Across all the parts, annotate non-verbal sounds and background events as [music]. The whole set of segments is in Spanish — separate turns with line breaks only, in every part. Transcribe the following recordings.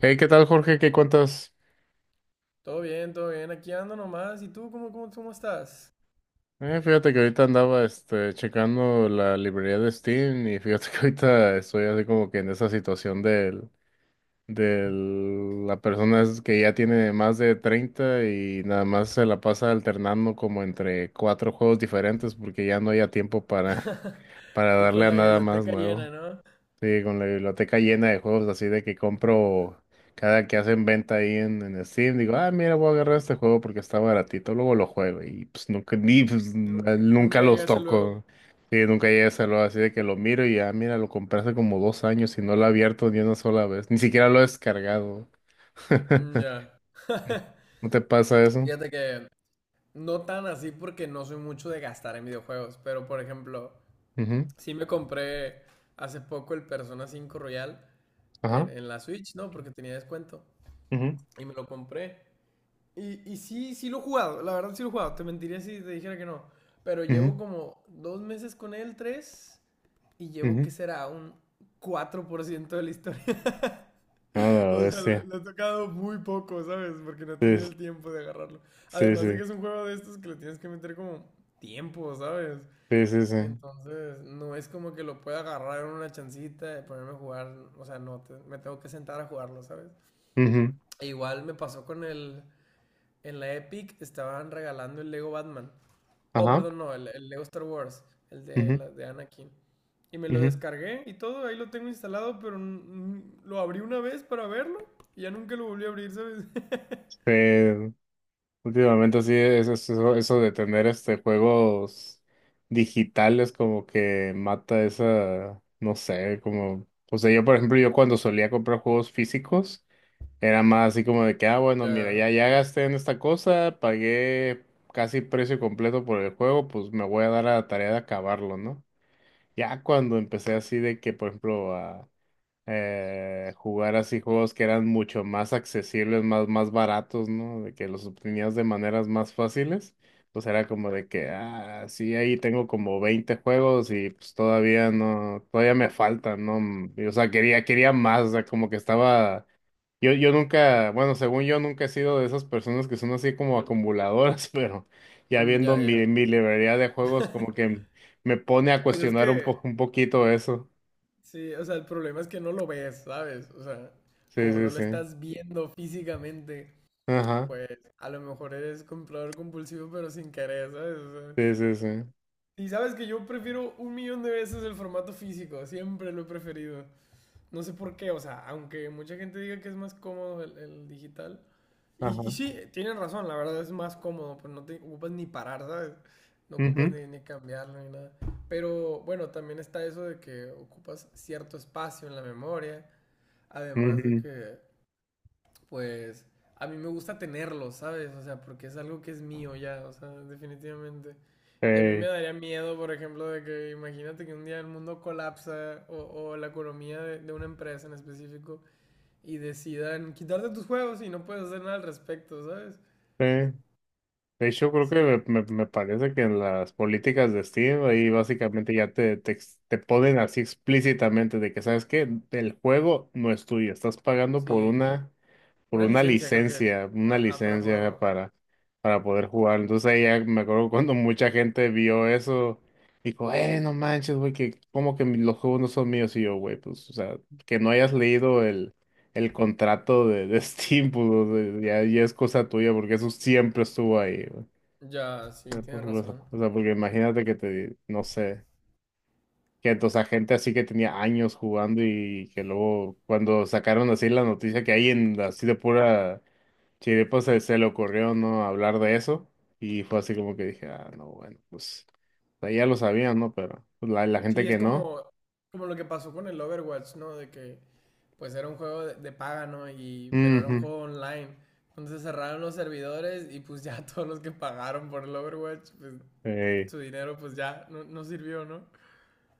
Hey, ¿qué tal, Jorge? ¿Qué cuentas?
Todo bien, todo bien. Aquí ando nomás. ¿Y tú cómo estás?
Fíjate que ahorita andaba checando la librería de Steam y fíjate [laughs] que ahorita estoy así como que en esa situación del, la persona es que ya tiene más de 30 y nada más se la pasa alternando como entre cuatro juegos diferentes porque ya no haya tiempo para,
[laughs]
[laughs] para
Y
darle
con
a
la
nada más
biblioteca
nuevo.
llena, ¿no?
Sí, con la biblioteca llena de juegos así de que compro cada que hacen venta ahí en Steam, digo, ah, mira, voy a agarrar este juego porque está baratito, luego lo juego y pues nunca, ni, pues,
Nunca,
nunca
nunca
los
llegas a luego.
toco. Sí, nunca llegué a hacerlo así de que lo miro y ah, mira, lo compré hace como 2 años y no lo he abierto ni una sola vez, ni siquiera lo he descargado. [laughs]
Mm, ya. [laughs]
¿No te pasa eso?
Fíjate que no tan así porque no soy mucho de gastar en videojuegos, pero por ejemplo,
Ujú.
sí me compré hace poco el Persona 5 Royal
Ajá.
en la Switch, ¿no? Porque tenía descuento.
Ujú,
Y me lo compré. Y sí, sí lo he jugado, la verdad sí lo he jugado, te mentiría si te dijera que no. Pero llevo
ujú,
como dos meses con él, tres, y llevo
ujú.
que será un 4% de la historia. [laughs]
A la
O sea, lo,
bestia.
lo he tocado muy poco, ¿sabes? Porque no he
Sí,
tenido el tiempo de agarrarlo.
sí,
Además de que
sí,
es un juego de estos que le tienes que meter como tiempo, ¿sabes?
sí, sí, sí.
Entonces, no es como que lo pueda agarrar en una chancita y ponerme a jugar. O sea, no, me tengo que sentar a jugarlo, ¿sabes?
Ujú.
E igual me pasó con el en la Epic estaban regalando el Lego Batman. Oh,
Ajá.
perdón, no, el Lego Star Wars, el de,
Ujú,
de Anakin. Y me lo
ujú.
descargué y todo, ahí lo tengo instalado, pero lo abrí una vez para verlo y ya nunca lo volví a abrir, ¿sabes? [laughs]
Sí, últimamente sí, eso, eso de tener juegos digitales como que mata esa, no sé, como, o sea, yo por ejemplo, yo cuando solía comprar juegos físicos, era más así como de que, ah, bueno, mira,
Ya,
ya gasté en esta cosa, pagué casi precio completo por el juego, pues me voy a dar a la tarea de acabarlo, ¿no? Ya cuando empecé así de que, por ejemplo, a jugar así juegos que eran mucho más accesibles, más baratos, ¿no? De que los obtenías de maneras más fáciles, pues era como de que, ah, sí, ahí tengo como 20 juegos y pues todavía no, todavía me faltan, ¿no? Y, o sea, quería más, o sea, como que estaba, yo nunca, bueno, según yo nunca he sido de esas personas que son así como acumuladoras, [laughs] pero ya viendo
ya.
mi librería de juegos, como
[laughs]
que me pone a
Pues es
cuestionar un
que,
poco, un poquito eso.
sí, o sea, el problema es que no lo ves, ¿sabes? O sea,
Sí,
como
sí,
no lo
sí.
estás viendo físicamente, pues a lo mejor eres comprador compulsivo, pero sin querer, ¿sabes? O sea,
Sí, sí, sí.
y sabes que yo prefiero un millón de veces el formato físico, siempre lo he preferido. No sé por qué, o sea, aunque mucha gente diga que es más cómodo el digital. Y
Ajá.
sí, tienen razón, la verdad es más cómodo, pues no te ocupas ni parar, ¿sabes? No ocupas
Ujú,
ni cambiarlo ni nada. Pero bueno, también está eso de que ocupas cierto espacio en la memoria, además de
ujú.
que pues a mí me gusta tenerlo, ¿sabes? O sea, porque es algo que es mío ya, o sea, definitivamente. Y a mí me
Eh,
daría miedo, por ejemplo, de que imagínate que un día el mundo colapsa o la economía de una empresa en específico y decidan quitarte tus juegos y no puedes hacer nada al respecto, ¿sabes?
eh. De hecho, creo que
Sí,
me parece que en las políticas de Steam ahí básicamente ya te ponen así explícitamente de que, ¿sabes qué? El juego no es tuyo, estás pagando
sí,
por
una licencia creo que es.
una
Ajá, para
licencia
jugarlo.
para poder jugar. Entonces ahí ya me acuerdo cuando mucha gente vio eso, dijo, no manches, güey, que como que los juegos no son míos y yo, güey, pues, o sea, que no hayas leído el contrato de [laughs] Steam, pues, o sea, ya es cosa tuya, porque eso siempre estuvo ahí, güey.
Ya, sí,
Pero, pues,
tienes
o sea,
razón.
o sea, porque imagínate que te, no sé, que entonces a gente así que tenía años jugando y que luego cuando sacaron así la noticia que hay en así de pura. Sí, después se le ocurrió no hablar de eso y fue así como que dije, ah, no, bueno, pues o sea, ya lo sabían, ¿no? Pero pues, la gente
Sí, es
que no.
como, como lo que pasó con el Overwatch, ¿no? De que pues era un juego de paga, ¿no? Y, pero era un
Ujú.
juego online. Entonces cerraron los servidores y pues ya [laughs] todos los que pagaron por el Overwatch, pues
Eh.
su dinero pues ya no, no sirvió, ¿no?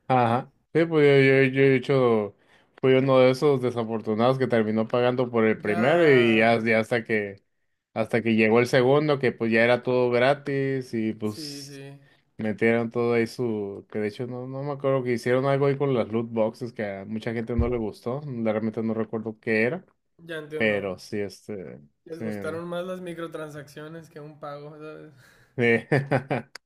Ajá. Sí, pues yo he hecho, fui uno de esos desafortunados que terminó pagando por el primero y
Ya...
ya hasta que llegó el segundo, que pues ya era todo gratis y
Sí,
pues
sí,
metieron todo ahí su, que de hecho no, no me acuerdo que hicieron algo ahí con las loot boxes que a mucha gente no le gustó, realmente no recuerdo qué era.
ya entiendo.
Pero sí, sí,
Les
¿no?
gustaron más las microtransacciones que un pago, ¿sabes?
Sí. [laughs]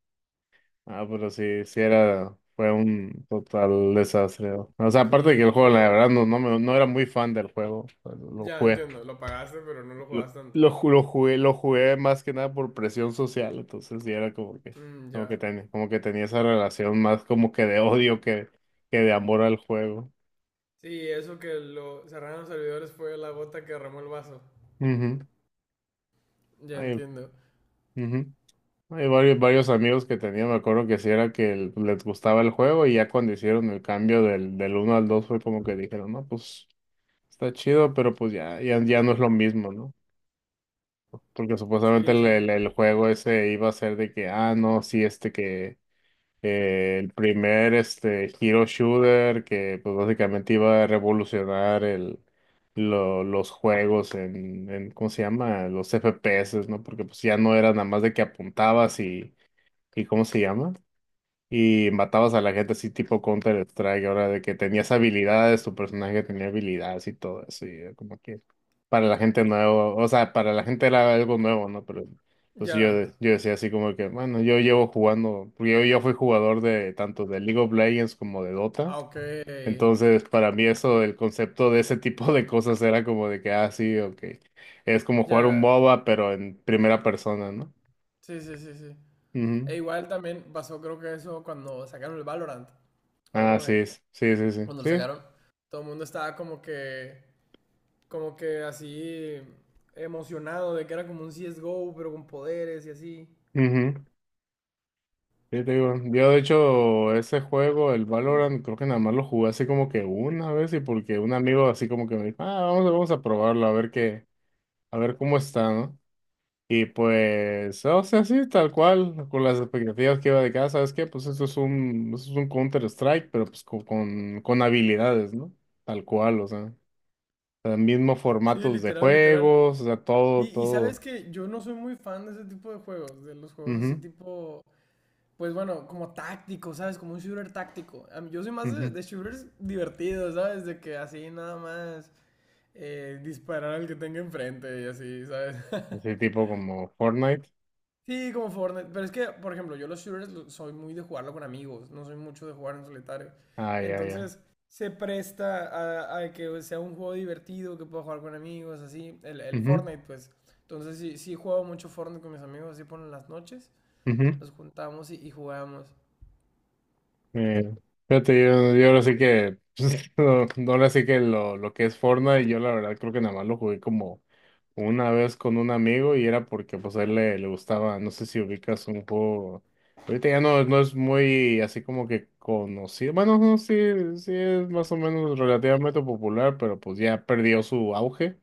Ah, pero sí, sí era, fue un total desastre. O sea,
Sí,
aparte de que el
y
juego, la
luego...
verdad, no, no era muy fan del juego. O sea, lo
ya
jugué,
entiendo, lo pagaste pero no lo jugaste tanto.
lo jugué, lo jugué más que nada por presión social, entonces sí era
Mm, ya.
como que tenía esa relación más como que de odio que de amor al juego.
Sí, eso que lo cerraron los servidores fue la gota que derramó el vaso.
Ujú.
Ya
Ay,
entiendo.
ujú. Hay varios, varios amigos que tenía, me acuerdo que sí era que les gustaba el juego y ya cuando hicieron el cambio del uno al 2 fue como que dijeron, no, pues está chido, pero pues ya, ya, ya no es lo mismo, ¿no? Porque supuestamente
Sí, sí.
el juego ese iba a ser de que, ah, no, sí, este que el primer este hero shooter que pues básicamente iba a revolucionar el, los juegos en, ¿cómo se llama? Los FPS, ¿no? Porque pues ya no era nada más de que apuntabas y... ¿Y cómo se llama? Y matabas a la gente así tipo Counter-Strike, ahora de que tenías habilidades, tu personaje tenía habilidades y todo eso, y era como que para la gente nuevo, o sea, para la gente era algo nuevo, ¿no? Pero pues yo,
Ya.
yo decía así como que, bueno, yo llevo jugando, porque yo fui jugador de tanto de League of Legends como de Dota,
Ah, ok.
entonces para mí eso, el concepto de ese tipo de cosas era como de que, ah, sí, ok, es como jugar un
Ya.
MOBA, pero en primera persona, ¿no?
Sí, sí, sí, sí.
Ujú.
E igual también pasó, creo que eso cuando sacaron el Valorant. Me
Ah,
acuerdo que
sí, sí, sí, sí,
cuando lo
sí.
sacaron, todo el mundo estaba como que así emocionado de que era como un CSGO, pero con poderes y así.
Ujú. Sí, te digo, yo de hecho ese juego, el Valorant, creo que nada más lo jugué así como que una vez y porque un amigo así como que me dijo, ah, vamos, vamos a probarlo, a ver qué, a ver cómo está, ¿no? Y pues, o sea, sí, tal cual, con las expectativas que iba de casa, ¿sabes qué? Pues esto es un Counter-Strike, pero pues con, con habilidades, ¿no? Tal cual, o sea, los mismos
Sí,
formatos de
literal, literal.
juegos, o sea,
Y,
todo,
y sabes
todo.
que yo no soy muy fan de ese tipo de juegos, de los juegos así
Ujú,
tipo, pues bueno, como táctico, ¿sabes? Como un shooter táctico. Yo soy más
ujú.
de shooters divertidos, ¿sabes? De que así nada más disparar al que tenga enfrente y así, ¿sabes? [laughs]
Así tipo como Fortnite.
Sí, como Fortnite. Pero es que, por ejemplo, yo los shooters soy muy de jugarlo con amigos, no soy mucho de jugar en solitario.
Ah, ya, ya.
Entonces, se presta a que sea un juego divertido, que pueda jugar con amigos, así. El
Ujú,
Fortnite, pues. Entonces, sí, sí juego mucho Fortnite con mis amigos, así por las noches.
ujú.
Nos juntamos y jugamos.
Eh, Fíjate, yo ahora sí que, [laughs] no, no, ahora sí que lo que es Fortnite, yo la verdad creo que nada más lo jugué como una vez con un amigo y era porque pues a él le, le gustaba, no sé si ubicas un juego, ahorita ya no, no es muy así como que conocido, bueno, no, sí, sí es más o menos relativamente popular, pero pues ya perdió su auge,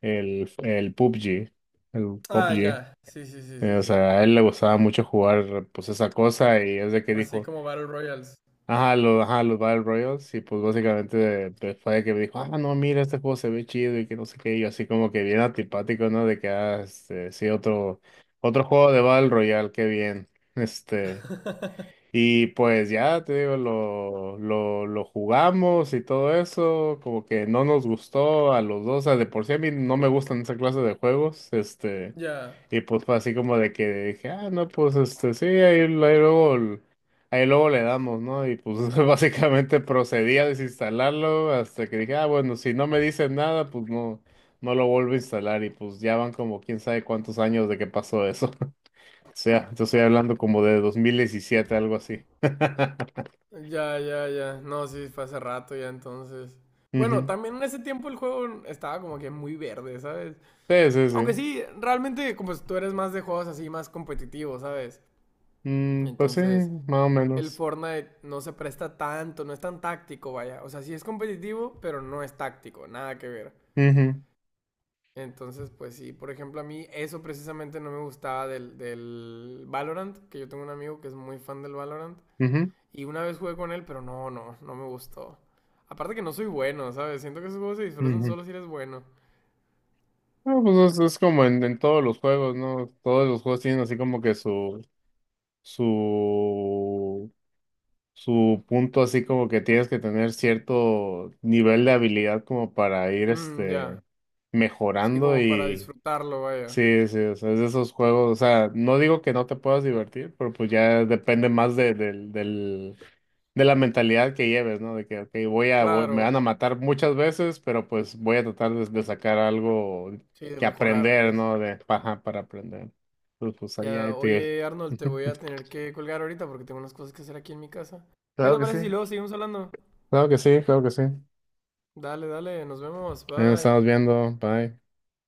el PUBG, el
Ah,
PUBG.
ya. Sí, sí, sí, sí,
O
sí.
sea, a él le gustaba mucho jugar pues esa cosa y es de que
Así
dijo,
como Battle Royals.
ajá, los, ajá, los Battle Royals, y pues básicamente fue de que me dijo, ah, no, mira, este juego se ve chido y que no sé qué, y yo así como que bien antipático, ¿no? De que, ah, este, sí, otro, otro juego de Battle Royale, qué bien, este,
[laughs]
y pues ya, te digo, lo jugamos y todo eso, como que no nos gustó a los dos, o sea, de por sí a mí no me gustan esa clase de juegos, este,
Ya.
y pues fue así como de que dije, ah, no, pues este, sí, ahí, ahí luego le damos, ¿no? Y pues [laughs] básicamente procedí a desinstalarlo hasta que dije, ah, bueno, si no me dicen nada, pues no, no lo vuelvo a instalar y pues ya van como quién sabe cuántos años de que pasó eso. O sea, te estoy hablando como de 2017 algo así. [laughs]
Ya, ya, ya. No, sí, fue hace rato ya entonces. Bueno,
Ujú.
también en ese tiempo el juego estaba como que muy verde, ¿sabes?
Sí, sí,
Aunque
sí.
sí, realmente como tú eres más de juegos así, más competitivos, ¿sabes?
Mm, pues sí,
Entonces,
más o
el
menos.
Fortnite no se presta tanto, no es tan táctico, vaya. O sea, sí es competitivo, pero no es táctico, nada que ver.
Ujú,
Entonces, pues sí, por ejemplo, a mí eso precisamente no me gustaba del Valorant, que yo tengo un amigo que es muy fan del Valorant.
ujú,
Y una vez jugué con él, pero no, no, no me gustó. Aparte que no soy bueno, ¿sabes? Siento que esos juegos se disfrutan
ujú.
solo si eres bueno.
Ah, pues es como en todos los juegos, ¿no? Todos los juegos tienen así como que su, su punto, así como que tienes que tener cierto nivel de habilidad como para ir,
Mmm, ya.
este,
Sí,
mejorando
como para
y
disfrutarlo, vaya.
sí, sí, o sea, es de esos juegos, o sea, no digo que no te puedas divertir, pero pues ya depende más de, del- de la mentalidad que lleves, ¿no? De que, ok, voy a, me
Claro.
van a matar muchas veces, pero pues voy a tratar de sacar algo
Sí, de
que
mejorar,
aprender,
pues.
¿no? De paja para aprender. Pues, pues ahí,
Ya,
ahí te...
oye, Arnold, te voy
[laughs]
a tener que colgar ahorita porque tengo unas cosas que hacer aquí en mi casa. ¿Qué
Claro
te
que sí.
parece si luego
[laughs]
seguimos hablando?
Claro que sí, claro que sí.
Dale, dale, nos vemos,
Ahí nos
bye.
estamos viendo, bye.